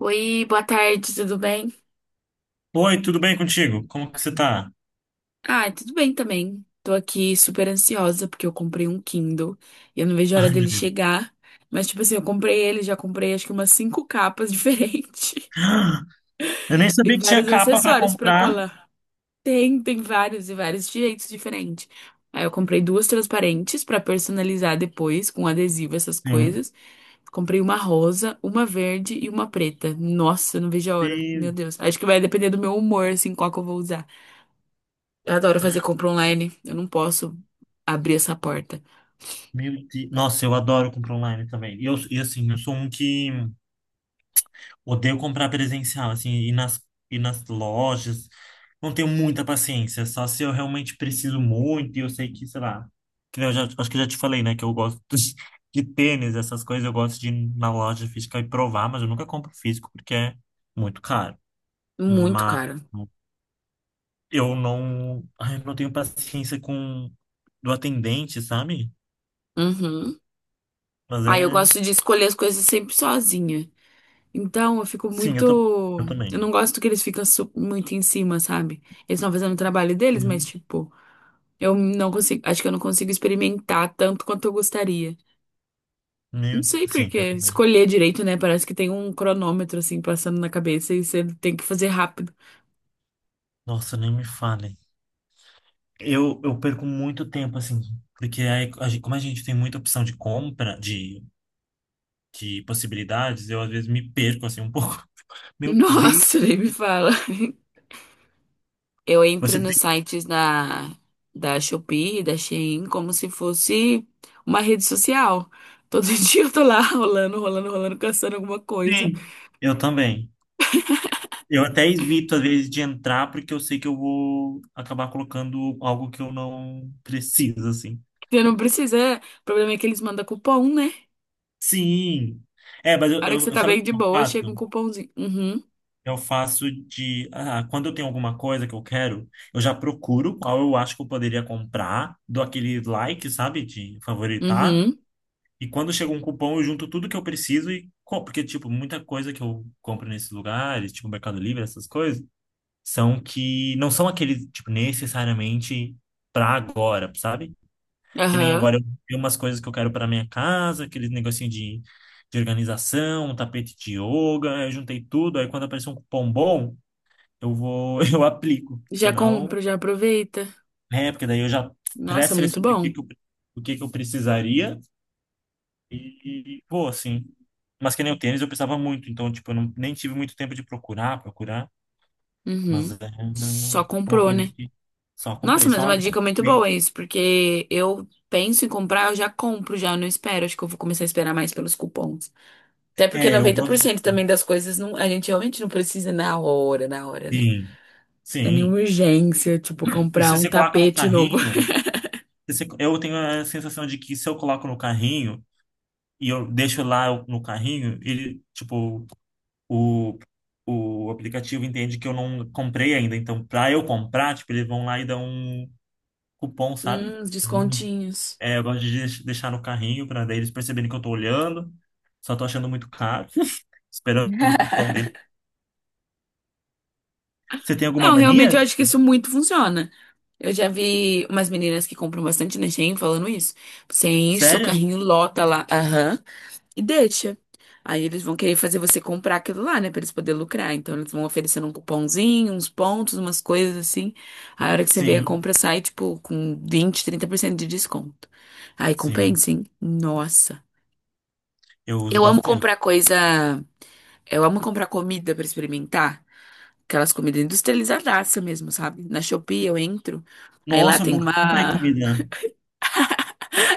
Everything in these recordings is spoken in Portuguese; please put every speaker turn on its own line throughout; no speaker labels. Oi, boa tarde, tudo bem?
Oi, tudo bem contigo? Como que você tá?
Ah, tudo bem também. Tô aqui super ansiosa porque eu comprei um Kindle e eu não vejo a hora
Ai, meu
dele
Deus.
chegar. Mas, tipo assim, eu comprei ele, já comprei acho que umas cinco capas diferentes
Eu nem
e
sabia que tinha
vários
capa pra
acessórios pra
comprar.
colar. Tem vários e vários de jeitos diferentes. Aí eu comprei duas transparentes pra personalizar depois com adesivo, essas
Meu
coisas. Comprei uma rosa, uma verde e uma preta. Nossa, eu não vejo a hora.
Deus,
Meu Deus. Acho que vai depender do meu humor, assim, qual que eu vou usar. Eu adoro fazer compra online. Eu não posso abrir essa porta.
meu Deus. Nossa, eu adoro comprar online também. E, assim, eu sou um que odeio comprar presencial, assim, e nas lojas. Não tenho muita paciência, só se eu realmente preciso muito e eu sei que, sei lá. Que nem eu já- Acho que eu já te falei, né, que eu gosto de tênis, essas coisas. Eu gosto de ir na loja física e provar, mas eu nunca compro físico porque é muito caro.
Muito
Mas.
cara.
Eu não, ai, eu não tenho paciência com do atendente, sabe?
Uhum.
Mas
Ah, eu
é,
gosto de escolher as coisas sempre sozinha. Então, eu fico
sim,
muito.
eu
Eu
também.
não gosto que eles ficam muito em cima, sabe? Eles estão fazendo o trabalho deles, mas,
Uhum.
tipo, eu não consigo. Acho que eu não consigo experimentar tanto quanto eu gostaria. Não
Meu,
sei por
sim, eu
quê.
também.
Escolher direito, né? Parece que tem um cronômetro, assim, passando na cabeça e você tem que fazer rápido.
Nossa, nem me fale. Eu perco muito tempo assim, porque aí, como a gente tem muita opção de compra, de possibilidades, eu às vezes me perco assim um pouco. Meu Deus,
Nossa, nem me fala. Eu entro
você
nos
tem?
sites da, da Shopee, da Shein, como se fosse uma rede social. Todo dia eu tô lá rolando, rolando, rolando, caçando alguma coisa.
Sim, eu também. Eu até evito às vezes de entrar porque eu sei que eu vou acabar colocando algo que eu não preciso assim.
Você não precisa. O problema é que eles mandam cupom, né?
Sim. É, mas
A hora que você tá
sabe o
bem
que
de
eu
boa,
faço?
chega um cupomzinho. Uhum,
Eu faço de. Ah, quando eu tenho alguma coisa que eu quero, eu já procuro qual eu acho que eu poderia comprar, dou aquele like, sabe? De favoritar.
uhum,
E quando chega um cupom, eu junto tudo que eu preciso e compro. Porque, tipo, muita coisa que eu compro nesses lugares, tipo Mercado Livre, essas coisas, são que não são aqueles, tipo, necessariamente pra agora, sabe? Que nem
aham.
agora eu tenho umas coisas que eu quero para minha casa, aquele negocinho de organização, um tapete de yoga, eu juntei tudo, aí quando aparecer um cupom bom, eu aplico,
Já
senão,
compra, já aproveita.
é, porque daí eu já
Nossa, muito
pré-selecionei o que
bom.
que eu, o que que eu precisaria e vou assim. Mas que nem o tênis eu precisava muito, então tipo, eu não, nem tive muito tempo de procurar, procurar, mas
Uhum.
é
Só
uma
comprou,
coisa
né?
que só
Nossa,
comprei,
mas
só
uma dica muito boa
agradei.
isso, porque eu penso em comprar, eu já compro, já não espero. Acho que eu vou começar a esperar mais pelos cupons. Até porque
É, eu
noventa por
gosto de.
cento também das coisas não, a gente realmente não precisa na hora, né?
Sim,
Não é nenhuma
sim.
urgência, tipo,
E
comprar
se
um
você coloca no
tapete novo.
carrinho. Eu tenho a sensação de que se eu coloco no carrinho e eu deixo lá no carrinho, ele, tipo, o, o aplicativo entende que eu não comprei ainda. Então, pra eu comprar, tipo, eles vão lá e dão um cupom, sabe?
Os
Hum.
descontinhos.
É, eu gosto de deixar no carrinho pra daí eles perceberem que eu tô olhando. Só tô achando muito caro, esperando o cupom dele. Você tem alguma
Não, realmente
mania?
eu acho que isso muito funciona. Eu já vi umas meninas que compram bastante na Shein falando isso. Você enche seu
Sério?
carrinho, lota lá. Aham. E deixa. Aí eles vão querer fazer você comprar aquilo lá, né? Pra eles poderem lucrar. Então eles vão oferecendo um cupomzinho, uns pontos, umas coisas assim. A hora que você vê a
Sim,
compra sai, tipo, com 20, 30% de desconto. Aí
sim.
compensa, hein? Nossa.
Eu uso
Eu amo
bastante.
comprar coisa. Eu amo comprar comida pra experimentar. Aquelas comidas industrializadaça mesmo, sabe? Na Shopee eu entro. Aí lá
Nossa, eu
tem
nunca
uma.
comprei comida.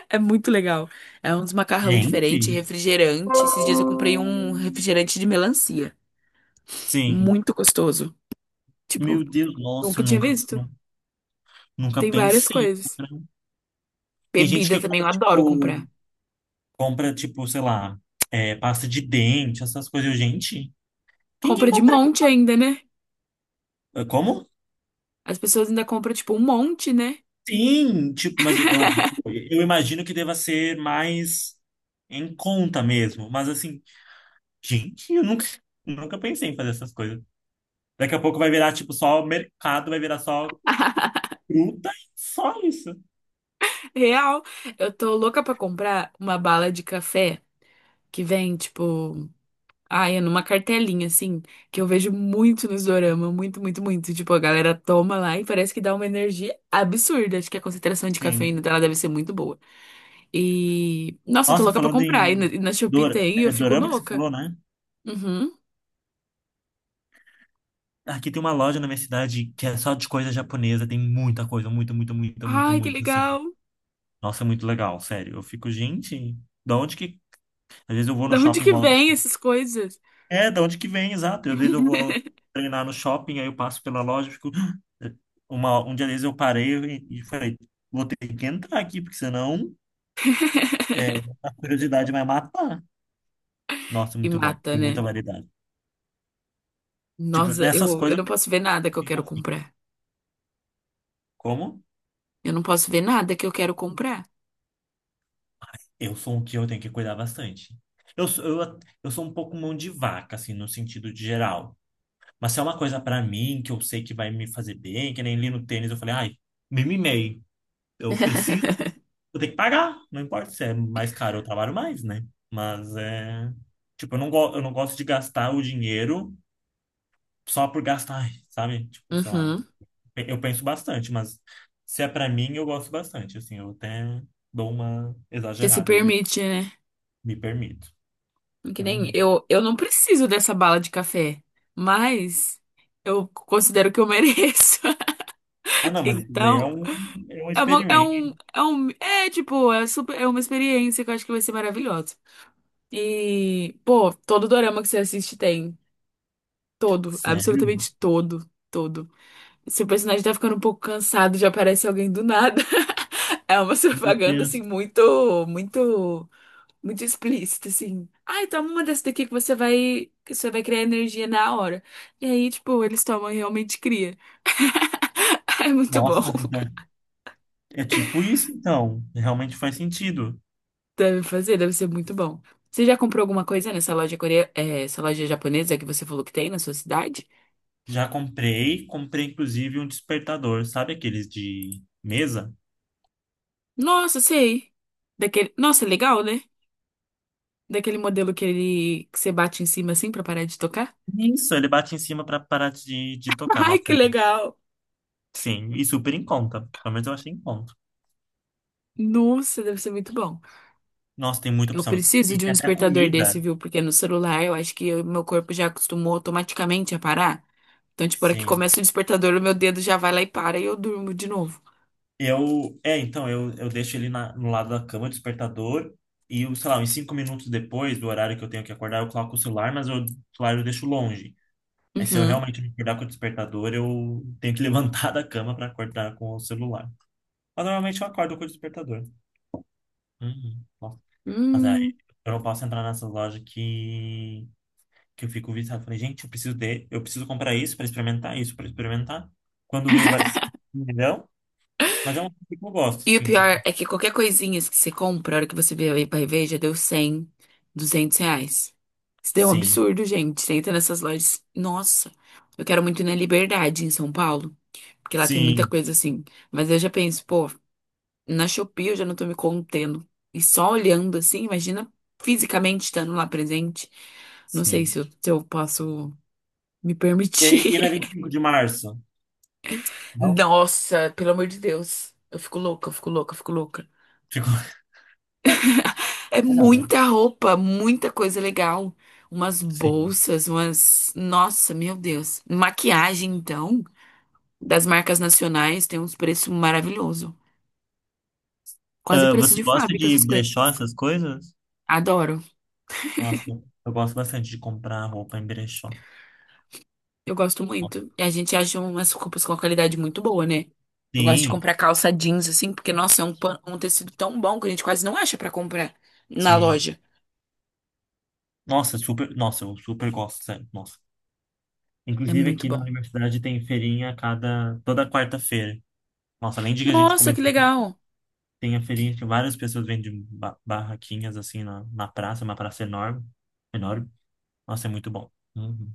É muito legal. É uns macarrão diferente,
Gente.
refrigerante. Esses dias eu comprei um refrigerante de melancia.
Sim.
Muito gostoso. Tipo,
Meu Deus, nossa,
nunca
eu
tinha visto.
nunca
Tem várias
pensei em
coisas.
comprar. Tem gente
Bebida
que
também, eu adoro comprar.
compra, tipo, sei lá, é, pasta de dente, essas coisas. Eu, gente, quem que
Compra de
compra
monte ainda, né?
isso? É, como?
As pessoas ainda compram, tipo, um monte, né?
Sim, tipo, mas eu imagino que deva ser mais em conta mesmo. Mas assim, gente, eu nunca, nunca pensei em fazer essas coisas. Daqui a pouco vai virar, tipo, só mercado, vai virar só fruta e só isso.
Real. Eu tô louca pra comprar uma bala de café que vem, tipo, ai, é numa cartelinha, assim, que eu vejo muito nos dorama. Muito, muito, muito. Tipo, a galera toma lá e parece que dá uma energia absurda. Acho que a concentração de cafeína
Sim.
dela deve ser muito boa. E, nossa, eu tô
Nossa,
louca pra
falando
comprar.
em
E na Shopee tem, e eu fico
dorama que você
louca.
falou, né?
Uhum.
Aqui tem uma loja na minha cidade que é só de coisa japonesa, tem muita coisa, muita, muita, muita, muita,
Ai, que
muita, assim.
legal.
Nossa, é muito legal, sério. Eu fico, gente, da onde que. Às vezes eu vou no
Da onde
shopping e
que
volto.
vem essas coisas?
É, da onde que vem, exato. Às vezes eu vou treinar no shopping, aí eu passo pela loja e fico. Um dia desses eu parei e falei, vou ter que entrar aqui, porque senão é, a curiosidade vai matar. Nossa,
E
muito bom.
mata,
Tem muita
né?
variedade. Tipo,
Nossa,
nessas
eu
coisas
não posso ver nada
eu
que eu
fico
quero
assim.
comprar.
Como?
Eu não posso ver nada que eu quero comprar.
Eu sou um que eu tenho que cuidar bastante. Eu sou um pouco mão de vaca, assim, no sentido de geral. Mas se é uma coisa pra mim que eu sei que vai me fazer bem, que nem li no tênis, eu falei, ai, me mimei. Eu preciso, eu tenho que pagar. Não importa se é mais caro, eu trabalho mais, né? Mas é. Tipo, eu não gosto de gastar o dinheiro só por gastar, ai, sabe? Tipo, sei lá.
Uhum.
Eu penso bastante, mas se é pra mim, eu gosto bastante. Assim, eu até dou uma
Você se
exagerada, às vezes,
permite, né?
me permito.
Que nem
Uhum.
eu, eu não preciso dessa bala de café, mas eu considero que eu mereço.
Ah, não, mas isso daí
Então,
é um
é uma, é
experimento.
um, é um, é tipo, é super, é uma experiência que eu acho que vai ser maravilhosa. E, pô, todo dorama que você assiste tem. Todo,
Sério?
absolutamente todo, todo. Se o personagem tá ficando um pouco cansado, já aparece alguém do nada. É uma
Meu
propaganda, assim,
Deus.
muito, muito, muito explícita, assim. Ai, toma uma dessa daqui que você vai criar energia na hora. E aí, tipo, eles tomam e realmente cria. É muito bom.
Nossa, mas então é tipo isso, então. Realmente faz sentido.
Deve fazer, deve ser muito bom. Você já comprou alguma coisa nessa loja coreana, essa loja japonesa que você falou que tem na sua cidade?
Já comprei, comprei inclusive um despertador, sabe aqueles de mesa?
Nossa, sei. Daquele... Nossa, legal, né? Daquele modelo que ele que você bate em cima assim pra parar de tocar?
Isso, ele bate em cima para parar de tocar.
Ai, que
Nossa,
legal!
sim, e super em conta. Pelo menos eu achei em conta.
Nossa, deve ser muito bom.
Nossa, tem muita
Eu
opção.
preciso
E
de um
tem até
despertador desse,
comida.
viu? Porque no celular eu acho que o meu corpo já acostumou automaticamente a parar. Então, tipo, a hora que
Sim.
começa o despertador, o meu dedo já vai lá e para e eu durmo de novo.
Então, eu deixo ele no lado da cama, despertador, e, eu, sei lá, uns 5 minutos depois do horário que eu tenho que acordar, eu coloco o celular, mas o celular eu deixo longe. Aí se eu
Uhum.
realmente me acordar com o despertador, eu tenho que levantar da cama para acordar com o celular. Mas normalmente eu acordo com o despertador. Uhum. Nossa. Mas aí
Hum.
eu não posso entrar nessas lojas que eu fico viciado. Falei, gente, eu preciso comprar isso para experimentar, isso para experimentar. Quando vê, vai ser 1 milhão. Mas é um coisa que eu gosto,
E o
assim, de,
pior é que qualquer coisinha que você compra, a hora que você vê aí vai ver, já deu 100, R$ 200. Isso deu um
sim.
absurdo, gente. Você entra nessas lojas. Nossa, eu quero muito ir na Liberdade, em São Paulo, porque lá tem muita
Sim,
coisa assim. Mas eu já penso, pô, na Shopee eu já não tô me contendo. E só olhando assim, imagina fisicamente estando lá presente. Não sei se
sim.
eu, se eu posso me
E na vinte
permitir.
e cinco de março? Não?
Nossa, pelo amor de Deus. Eu fico louca, eu fico louca, eu fico louca.
Ficou.
É
Não, mas
muita roupa, muita coisa legal. Umas
sim.
bolsas, umas. Nossa, meu Deus. Maquiagem, então, das marcas nacionais tem uns preços maravilhosos. Quase
Ah,
preço
você
de
gosta
fábrica,
de
essas coisas.
brechó, essas coisas?
Adoro.
Nossa, eu gosto bastante de comprar roupa em brechó.
Eu gosto muito. E a gente acha umas roupas com uma qualidade muito boa, né? Eu gosto de
Sim,
comprar calça jeans, assim, porque, nossa, é um, um tecido tão bom que a gente quase não acha pra comprar na
sim.
loja.
Nossa, super. Nossa, eu super gosto, sério. Nossa.
É
Inclusive
muito
aqui na
bom.
universidade tem feirinha toda quarta-feira. Nossa, além de que a gente
Nossa,
come,
que legal.
tem a feirinha que várias pessoas vendem barraquinhas assim na praça, uma praça enorme. Enorme. Nossa, é muito bom. Uhum.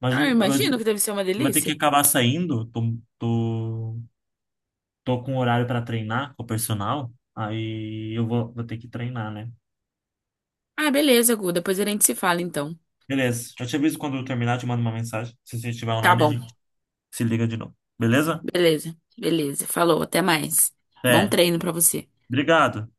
Mas.
Ah, eu imagino que deve ser uma
Vou ter que
delícia.
acabar saindo. Tô, tô com horário para treinar com o personal. Aí eu vou ter que treinar, né?
Ah, beleza, Gu. Depois a gente se fala, então.
Beleza. Eu te aviso quando eu terminar, te mando uma mensagem. Se você estiver
Tá
online, a
bom,
gente se liga de novo. Beleza?
beleza, beleza. Falou, até mais. Bom
É.
treino pra você.
Obrigado.